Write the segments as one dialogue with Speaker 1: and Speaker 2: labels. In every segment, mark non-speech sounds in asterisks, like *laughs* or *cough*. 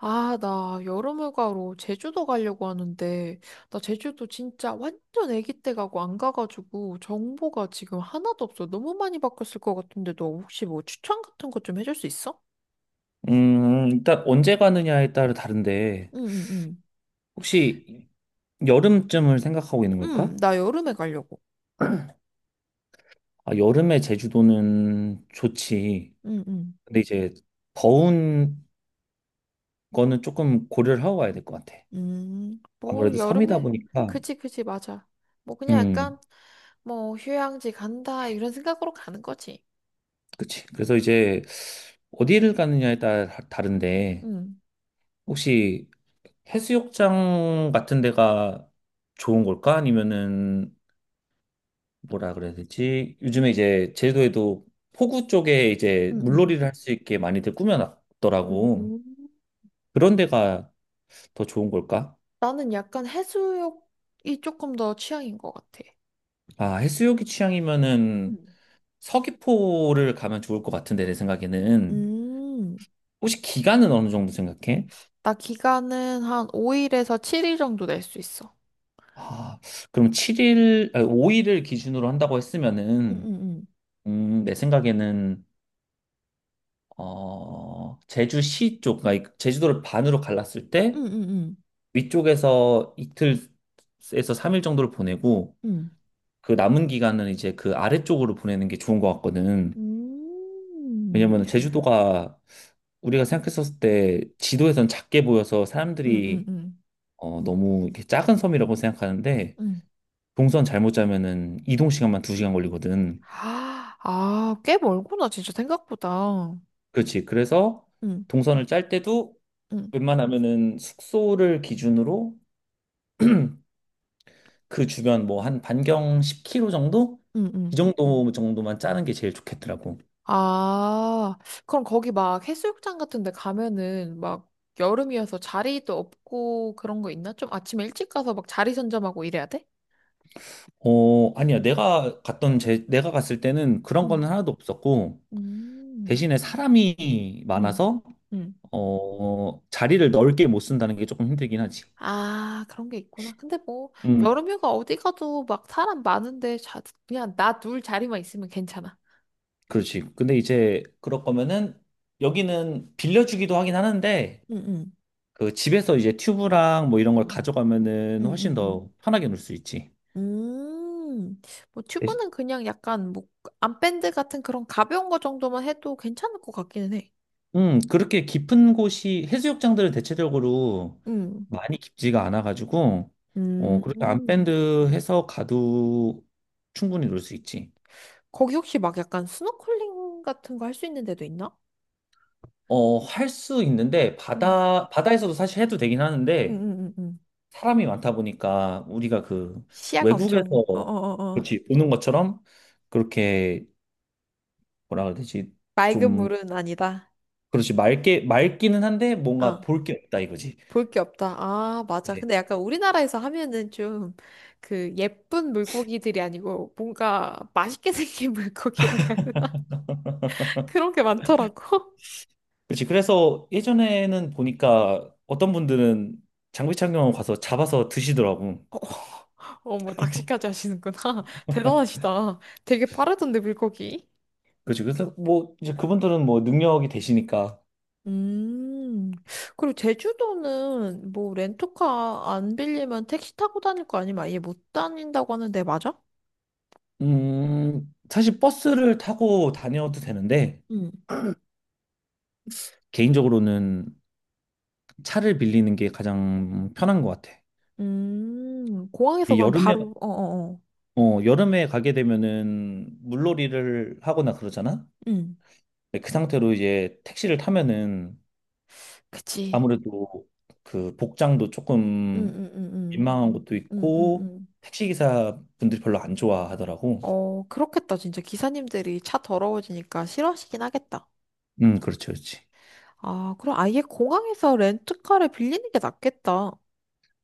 Speaker 1: 아, 나 여름휴가로 제주도 가려고 하는데, 나 제주도 진짜 완전 아기 때 가고 안 가가지고 정보가 지금 하나도 없어. 너무 많이 바뀌었을 것 같은데, 너 혹시 뭐 추천 같은 거 좀 해줄 수 있어?
Speaker 2: 일단 언제 가느냐에 따라 다른데,
Speaker 1: 응, 응, 응.
Speaker 2: 혹시 여름쯤을 생각하고 있는 걸까?
Speaker 1: 응, 나 여름에 가려고.
Speaker 2: 아, 여름에 제주도는 좋지.
Speaker 1: 응, 응.
Speaker 2: 근데 이제 더운 거는 조금 고려를 하고 가야 될 것 같아.
Speaker 1: 뭐,
Speaker 2: 아무래도 섬이다
Speaker 1: 여름에.
Speaker 2: 보니까,
Speaker 1: 그지, 그지, 맞아. 뭐, 그냥 약간,
Speaker 2: 음,
Speaker 1: 뭐, 휴양지 간다, 이런 생각으로 가는 거지.
Speaker 2: 그치. 그래서 이제 어디를 가느냐에 따라 다른데,
Speaker 1: 응,
Speaker 2: 혹시 해수욕장 같은 데가 좋은 걸까? 아니면은 뭐라 그래야 되지? 요즘에 이제 제주도에도 포구 쪽에 이제
Speaker 1: 응, 응,
Speaker 2: 물놀이를 할 수 있게 많이들
Speaker 1: 응.
Speaker 2: 꾸며놨더라고.
Speaker 1: 음.
Speaker 2: 그런 데가 더 좋은 걸까?
Speaker 1: 나는 약간 해수욕이 조금 더 취향인 것 같아.
Speaker 2: 아, 해수욕이 취향이면은
Speaker 1: 음.
Speaker 2: 서귀포를 가면 좋을 것 같은데, 내 생각에는.
Speaker 1: 음,
Speaker 2: 혹시 기간은 어느 정도 생각해?
Speaker 1: 나 기간은 한 5일에서 7일 정도 낼 수 있어.
Speaker 2: 아, 그럼 7일, 아, 5일을 기준으로 한다고
Speaker 1: 응,
Speaker 2: 했으면은,
Speaker 1: 응, 응.
Speaker 2: 내 생각에는, 제주시 쪽, 그러니까 제주도를 반으로 갈랐을 때,
Speaker 1: 응, 응, 응.
Speaker 2: 위쪽에서 이틀에서 3일 정도를 보내고
Speaker 1: 음,
Speaker 2: 그 남은 기간은 이제 그 아래쪽으로 보내는 게 좋은 것 같거든.
Speaker 1: 응.
Speaker 2: 왜냐면 제주도가 우리가 생각했었을 때 지도에선 작게 보여서 사람들이
Speaker 1: 응응응.
Speaker 2: 너무 이렇게 작은 섬이라고 생각하는데
Speaker 1: 응.
Speaker 2: 동선 잘못 짜면은 이동 시간만 2시간 걸리거든.
Speaker 1: 아, 아, 꽤 멀구나, 진짜 생각보다.
Speaker 2: 그렇지. 그래서
Speaker 1: 응.
Speaker 2: 동선을 짤 때도
Speaker 1: 응.
Speaker 2: 웬만하면은 숙소를 기준으로 그 주변 뭐 한 반경 10km 정도?
Speaker 1: 응응.
Speaker 2: 이 정도 정도만 짜는 게 제일 좋겠더라고.
Speaker 1: 아, 그럼 거기 막 해수욕장 같은 데 가면은 막 여름이어서 자리도 없고 그런 거 있나? 좀 아침에 일찍 가서 막 자리 선점하고 이래야 돼?
Speaker 2: 어, 아니야. 내가 갔던 내가 갔을 때는 그런 거는
Speaker 1: 음,
Speaker 2: 하나도 없었고,
Speaker 1: 음,
Speaker 2: 대신에 사람이
Speaker 1: 음,
Speaker 2: 많아서,
Speaker 1: 음.
Speaker 2: 자리를 넓게 못 쓴다는 게 조금 힘들긴 하지.
Speaker 1: 아, 그런 게 있구나. 근데 뭐,
Speaker 2: 음,
Speaker 1: 여름휴가 어디 가도 막 사람 많은데, 자, 그냥 나 둘 자리만 있으면 괜찮아.
Speaker 2: 그렇지. 근데 이제, 그럴 거면은, 여기는 빌려주기도 하긴 하는데,
Speaker 1: 응, 응
Speaker 2: 그 집에서 이제 튜브랑 뭐 이런 걸
Speaker 1: 응,
Speaker 2: 가져가면은
Speaker 1: 응,
Speaker 2: 훨씬
Speaker 1: 응.
Speaker 2: 더 편하게 놀 수 있지.
Speaker 1: 음, 뭐, 튜브는 그냥 약간, 뭐, 암밴드 같은 그런 가벼운 거 정도만 해도 괜찮을 것 같기는 해.
Speaker 2: 그렇게 깊은 곳이 해수욕장들은 대체적으로
Speaker 1: 음,
Speaker 2: 많이 깊지가 않아가지고
Speaker 1: 음,
Speaker 2: 그렇게
Speaker 1: 음.
Speaker 2: 암밴드해서 가도 충분히 놀 수 있지.
Speaker 1: 거기 혹시 막 약간 스노클링 같은 거 할 수 있는 데도 있나?
Speaker 2: 할 수 있는데
Speaker 1: 응,
Speaker 2: 바다 바다에서도 사실 해도 되긴
Speaker 1: 응,
Speaker 2: 하는데
Speaker 1: 응, 응.
Speaker 2: 사람이 많다 보니까 우리가 그
Speaker 1: 시야가 엄청,
Speaker 2: 외국에서
Speaker 1: 어어어어.
Speaker 2: 그렇지 보는 것처럼 그렇게 뭐라 그래야 되지?
Speaker 1: 맑은
Speaker 2: 좀
Speaker 1: 물은 아니다.
Speaker 2: 그렇지 맑게 맑기는 한데
Speaker 1: 어,
Speaker 2: 뭔가 볼 게 없다 이거지.
Speaker 1: 볼 게 없다. 아, 맞아. 근데 약간 우리나라에서 하면은 좀 그 예쁜 물고기들이 아니고 뭔가 맛있게 생긴 *laughs* 물고기라고 해야 되나? 그런 게 많더라고.
Speaker 2: 그렇지. 그래서 예전에는 보니까 어떤 분들은 장비 착용하고 가서 잡아서 드시더라고.
Speaker 1: *laughs* 어, 어머, 낚시까지 하시는구나. *laughs* 대단하시다. 되게 빠르던데, 물고기.
Speaker 2: 그렇지. 그래서 뭐 이제 그분들은 뭐 능력이 되시니까
Speaker 1: 음, 그리고 제주도는 뭐 렌터카 안 빌리면 택시 타고 다닐 거 아니면 아예 못 다닌다고 하는데, 맞아?
Speaker 2: 사실 버스를 타고 다녀도 되는데
Speaker 1: 응.
Speaker 2: 개인적으로는 차를 빌리는 게 가장 편한 것 같아.
Speaker 1: 공항에서
Speaker 2: 이
Speaker 1: 그럼
Speaker 2: 여름에
Speaker 1: 바로, 어어어.
Speaker 2: 여름에 가게 되면은 물놀이를 하거나 그러잖아.
Speaker 1: 응,
Speaker 2: 네, 그 상태로 이제 택시를 타면은
Speaker 1: 그치.
Speaker 2: 아무래도 그 복장도
Speaker 1: 응,
Speaker 2: 조금
Speaker 1: 응, 응, 응,
Speaker 2: 민망한 것도
Speaker 1: 응, 응,
Speaker 2: 있고
Speaker 1: 응.
Speaker 2: 택시기사 분들이 별로 안 좋아하더라고.
Speaker 1: 어, 그렇겠다. 진짜 기사님들이 차 더러워지니까 싫어하시긴 하겠다.
Speaker 2: 그렇죠, 그렇지.
Speaker 1: 아, 그럼 아예 공항에서 렌트카를 빌리는 게 낫겠다.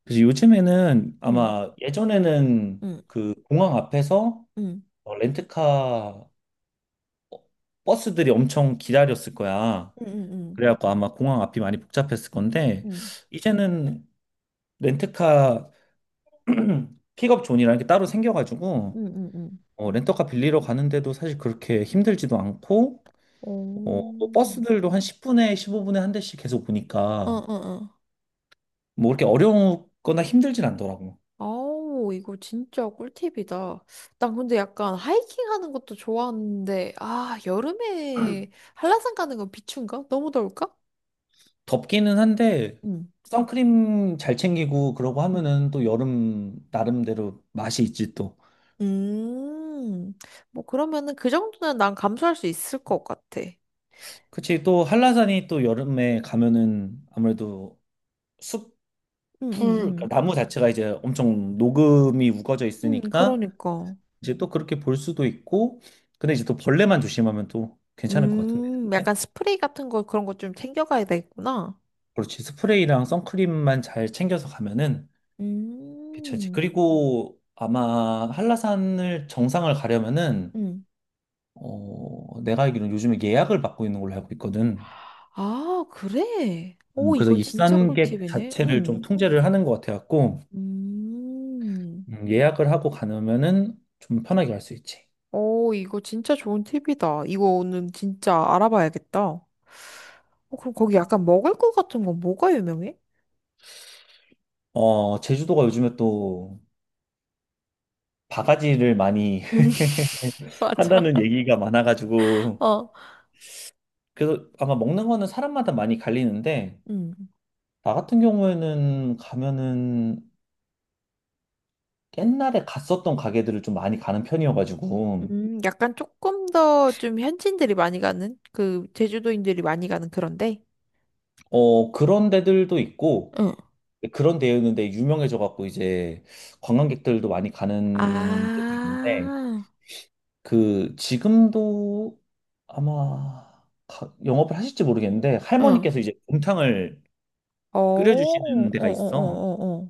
Speaker 2: 그래서 요즘에는
Speaker 1: 응,
Speaker 2: 아마 예전에는
Speaker 1: 응,
Speaker 2: 공항 앞에서
Speaker 1: 응,
Speaker 2: 렌트카 버스들이 엄청 기다렸을 거야.
Speaker 1: 응, 응,
Speaker 2: 그래갖고 아마 공항 앞이 많이 복잡했을 건데
Speaker 1: 응,
Speaker 2: 이제는 렌트카 *clears throat* 픽업 존이라는 게 따로 생겨가지고
Speaker 1: 응, 응, 응.
Speaker 2: 렌터카 빌리러 가는데도 사실 그렇게 힘들지도 않고
Speaker 1: 오,
Speaker 2: 뭐 버스들도 한 10분에 15분에 한 대씩 계속
Speaker 1: 응,
Speaker 2: 보니까
Speaker 1: 응, 응.
Speaker 2: 뭐 그렇게 어려우거나 힘들진 않더라고.
Speaker 1: 아우, 이거 진짜 꿀팁이다. 난 근데 약간 하이킹 하는 것도 좋아하는데, 아, 여름에 한라산 가는 건 비추인가? 너무 더울까?
Speaker 2: 덥기는 한데
Speaker 1: 응.
Speaker 2: 선크림 잘 챙기고 그러고 하면은 또 여름 나름대로 맛이 있지 또.
Speaker 1: 음, 뭐 그러면은 그 정도는 난 감수할 수 있을 것 같아. 응,
Speaker 2: 그치 또 한라산이 또 여름에 가면은 아무래도 숲풀
Speaker 1: 응,
Speaker 2: 그러니까
Speaker 1: 응.
Speaker 2: 나무 자체가 이제 엄청 녹음이 우거져
Speaker 1: 응
Speaker 2: 있으니까
Speaker 1: 그러니까.
Speaker 2: 이제 또 그렇게 볼 수도 있고 근데 이제 또 벌레만 조심하면 또 괜찮을 것 같은데.
Speaker 1: 약간 스프레이 같은 거 그런 거 좀 챙겨가야 되겠구나.
Speaker 2: 그렇지. 스프레이랑 선크림만 잘 챙겨서 가면은 괜찮지.
Speaker 1: 음,
Speaker 2: 그리고 아마 한라산을 정상을 가려면은
Speaker 1: 응.
Speaker 2: 내가 알기로는 요즘에 예약을 받고 있는 걸로 알고 있거든.
Speaker 1: 아, 그래? 오,
Speaker 2: 그래서
Speaker 1: 이거 진짜
Speaker 2: 입산객
Speaker 1: 꿀팁이네.
Speaker 2: 자체를 좀
Speaker 1: 응
Speaker 2: 통제를 하는 것 같아갖고
Speaker 1: 음,
Speaker 2: 예약을 하고 가면은 좀 편하게 갈 수 있지.
Speaker 1: 오, 이거 진짜 좋은 팁이다. 이거 오늘 진짜 알아봐야겠다. 어, 그럼 거기 약간 먹을 것 같은 건 뭐가 유명해?
Speaker 2: 제주도가 요즘에 또 바가지를 많이
Speaker 1: *laughs*
Speaker 2: *laughs*
Speaker 1: 맞아.
Speaker 2: 한다는 얘기가 많아가지고
Speaker 1: 어.
Speaker 2: 그래서 아마 먹는 거는 사람마다 많이 갈리는데
Speaker 1: 응.
Speaker 2: 나 같은 경우에는 가면은 옛날에 갔었던 가게들을 좀 많이 가는 편이어가지고,
Speaker 1: 약간 조금 더 좀 현지인들이 많이 가는 그 제주도인들이 많이 가는 그런데.
Speaker 2: 그런 데들도 있고,
Speaker 1: 응,
Speaker 2: 그런 데였는데 유명해져갖고 이제 관광객들도 많이 가는 데도 있는데,
Speaker 1: 아,
Speaker 2: 그, 지금도 아마 영업을 하실지 모르겠는데,
Speaker 1: 응.
Speaker 2: 할머니께서 이제 곰탕을
Speaker 1: 어, 어,
Speaker 2: 끓여주시는
Speaker 1: 어,
Speaker 2: 데가 있어.
Speaker 1: 어, 어, 어.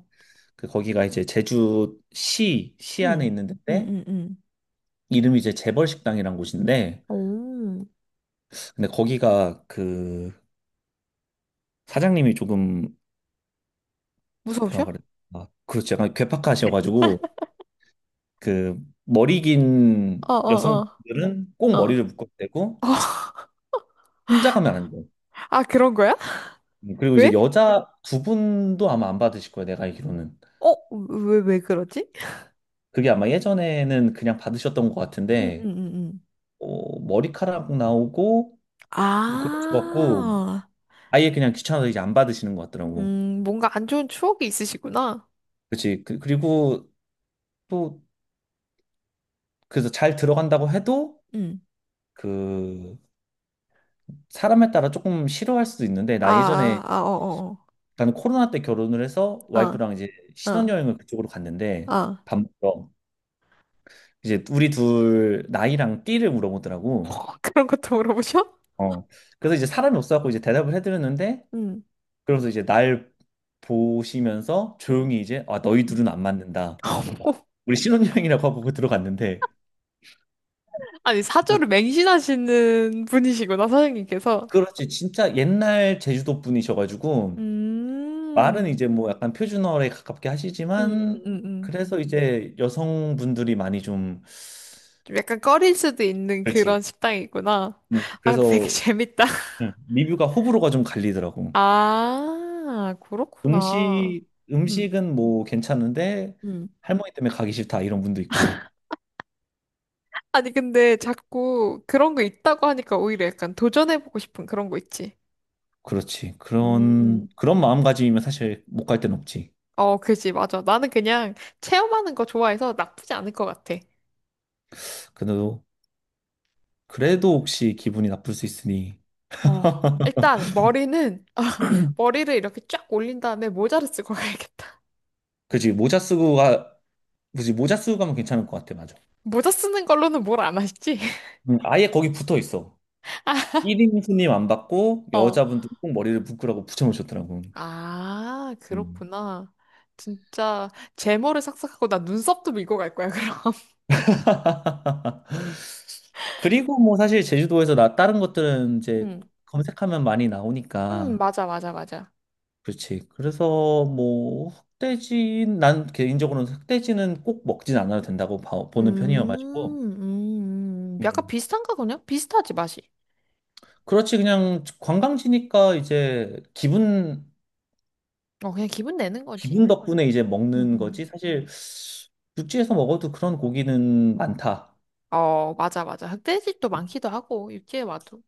Speaker 2: 그, 거기가 이제 제주시, 시 안에
Speaker 1: 응,
Speaker 2: 있는
Speaker 1: 응,
Speaker 2: 데인데,
Speaker 1: 응, 응.
Speaker 2: 이름이 이제 재벌식당이란 곳인데,
Speaker 1: 오,
Speaker 2: 근데 거기가 그 사장님이 조금 뭐라
Speaker 1: 무서우셔?
Speaker 2: 그래 아 그렇죠 약간 괴팍하셔가지고 그 머리 긴
Speaker 1: 어, 어,
Speaker 2: 여성들은 꼭
Speaker 1: 어,
Speaker 2: 머리를
Speaker 1: 어.
Speaker 2: 묶어야 되고
Speaker 1: *laughs*
Speaker 2: 혼자 가면 안 돼요.
Speaker 1: 아, 그런 거야?
Speaker 2: 그리고 이제
Speaker 1: 왜?
Speaker 2: 여자 두 분도 아마 안 받으실 거예요. 내가 알기로는
Speaker 1: 어, 왜, 왜 그러지?
Speaker 2: 그게 아마 예전에는 그냥 받으셨던 것
Speaker 1: 응, 응,
Speaker 2: 같은데
Speaker 1: 응, 응.
Speaker 2: 머리카락 나오고 뭐 그런 것 같고
Speaker 1: 아,
Speaker 2: 아예 그냥 귀찮아서 이제 안 받으시는 것 같더라고.
Speaker 1: 뭔가 안 좋은 추억이 있으시구나.
Speaker 2: 그렇지. 그리고 또 그래서 잘 들어간다고 해도
Speaker 1: 응.
Speaker 2: 그 사람에 따라 조금 싫어할 수도 있는데
Speaker 1: 아,
Speaker 2: 나 예전에
Speaker 1: 아, 아, 어,
Speaker 2: 나는 코로나 때 결혼을 해서
Speaker 1: 어,
Speaker 2: 와이프랑 이제
Speaker 1: 어. 어, 어,
Speaker 2: 신혼여행을 그쪽으로 갔는데
Speaker 1: 어.
Speaker 2: 밥 먹으러 이제 우리 둘 나이랑 띠를 물어보더라고.
Speaker 1: 어, 그런 것도 물어보셔?
Speaker 2: 어. 그래서 이제 사람이 없어갖고 이제 대답을 해드렸는데
Speaker 1: 응,
Speaker 2: 그러면서 이제 날 보시면서
Speaker 1: 응,
Speaker 2: 조용히 이제 아 너희
Speaker 1: 응.
Speaker 2: 둘은 안 맞는다.
Speaker 1: 오,
Speaker 2: 우리 신혼여행이라고 하고 들어갔는데
Speaker 1: 아니
Speaker 2: 뭐
Speaker 1: 사주를 맹신하시는 분이시구나 사장님께서.
Speaker 2: 그렇지 진짜 옛날 제주도 분이셔가지고 말은
Speaker 1: 음,
Speaker 2: 이제 뭐 약간 표준어에 가깝게
Speaker 1: 응,
Speaker 2: 하시지만
Speaker 1: 응, 응.
Speaker 2: 그래서 이제 여성분들이 많이 좀
Speaker 1: 좀 약간 꺼릴 수도 있는 그런
Speaker 2: 그렇지.
Speaker 1: 식당이구나. 아, 근데 되게 *laughs*
Speaker 2: 그래서
Speaker 1: 재밌다.
Speaker 2: 리뷰가 호불호가 좀 갈리더라고.
Speaker 1: 아, 그렇구나.
Speaker 2: 음식
Speaker 1: 응,
Speaker 2: 음식은 뭐 괜찮은데
Speaker 1: 응.
Speaker 2: 할머니 때문에 가기 싫다 이런 분도 있고.
Speaker 1: 아니, 근데 자꾸 그런 거 있다고 하니까 오히려 약간 도전해보고 싶은 그런 거 있지.
Speaker 2: 그렇지. 그런
Speaker 1: 음,
Speaker 2: 그런 마음가짐이면 사실 못 갈 데는 없지.
Speaker 1: 어, 그지, 맞아. 나는 그냥 체험하는 거 좋아해서 나쁘지 않을 것 같아.
Speaker 2: 그래도 그래도 혹시 기분이 나쁠 수 있으니
Speaker 1: 어, 일단 머리는 *laughs* 머리를 이렇게 쫙 올린 다음에 모자를 쓰고 가야겠다.
Speaker 2: 그지 모자 쓰고 가 그지 모자 쓰고 가면 괜찮을 것 같아. 맞아.
Speaker 1: *laughs* 모자 쓰는 걸로는 뭘 안 하시지? *laughs*
Speaker 2: 아예 거기 붙어 있어. 1인 손님 안 받고
Speaker 1: 어.
Speaker 2: 여자분들 꼭 머리를 묶으라고 붙여놓으셨더라고.
Speaker 1: 아,
Speaker 2: 음.
Speaker 1: 그렇구나. 진짜 제모를 싹싹 하고 나 눈썹도 밀고 갈 거야, 그럼. *laughs*
Speaker 2: 그리고 뭐 사실 제주도에서 나 다른 것들은 이제
Speaker 1: 응.
Speaker 2: 검색하면 많이
Speaker 1: 응
Speaker 2: 나오니까.
Speaker 1: 맞아, 맞아, 맞아.
Speaker 2: 그렇지. 그래서 뭐 흑돼지 난 개인적으로는 흑돼지는 꼭 먹진 않아도 된다고
Speaker 1: 음,
Speaker 2: 보는 편이어가지고.
Speaker 1: 약간
Speaker 2: 음.
Speaker 1: 비슷한가 그냥? 비슷하지, 맛이.
Speaker 2: 그렇지 그냥 관광지니까 이제 기분
Speaker 1: 어, 그냥 기분 내는 거지.
Speaker 2: 기분 덕분에 이제
Speaker 1: 응,
Speaker 2: 먹는
Speaker 1: 응.
Speaker 2: 거지. 사실 육지에서 먹어도 그런 고기는 많다.
Speaker 1: 어, 맞아, 맞아. 흑돼지도 많기도 하고, 육지에 와도.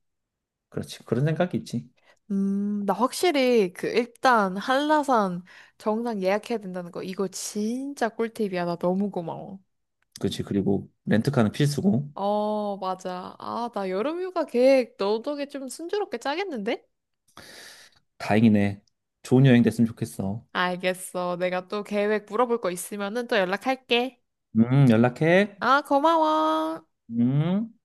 Speaker 2: 그렇지. 그런 생각이 있지.
Speaker 1: 나 확실히 그 일단 한라산 정상 예약해야 된다는 거 이거 진짜 꿀팁이야. 나 너무 고마워.
Speaker 2: 그치. 그리고 렌트카는 필수고.
Speaker 1: 어, 맞아. 아, 나 여름휴가 계획 너 덕에 좀 순조롭게 짜겠는데?
Speaker 2: 다행이네. 좋은 여행 됐으면 좋겠어.
Speaker 1: 알겠어. 내가 또 계획 물어볼 거 있으면은 또 연락할게.
Speaker 2: 연락해.
Speaker 1: 아, 고마워.
Speaker 2: 음.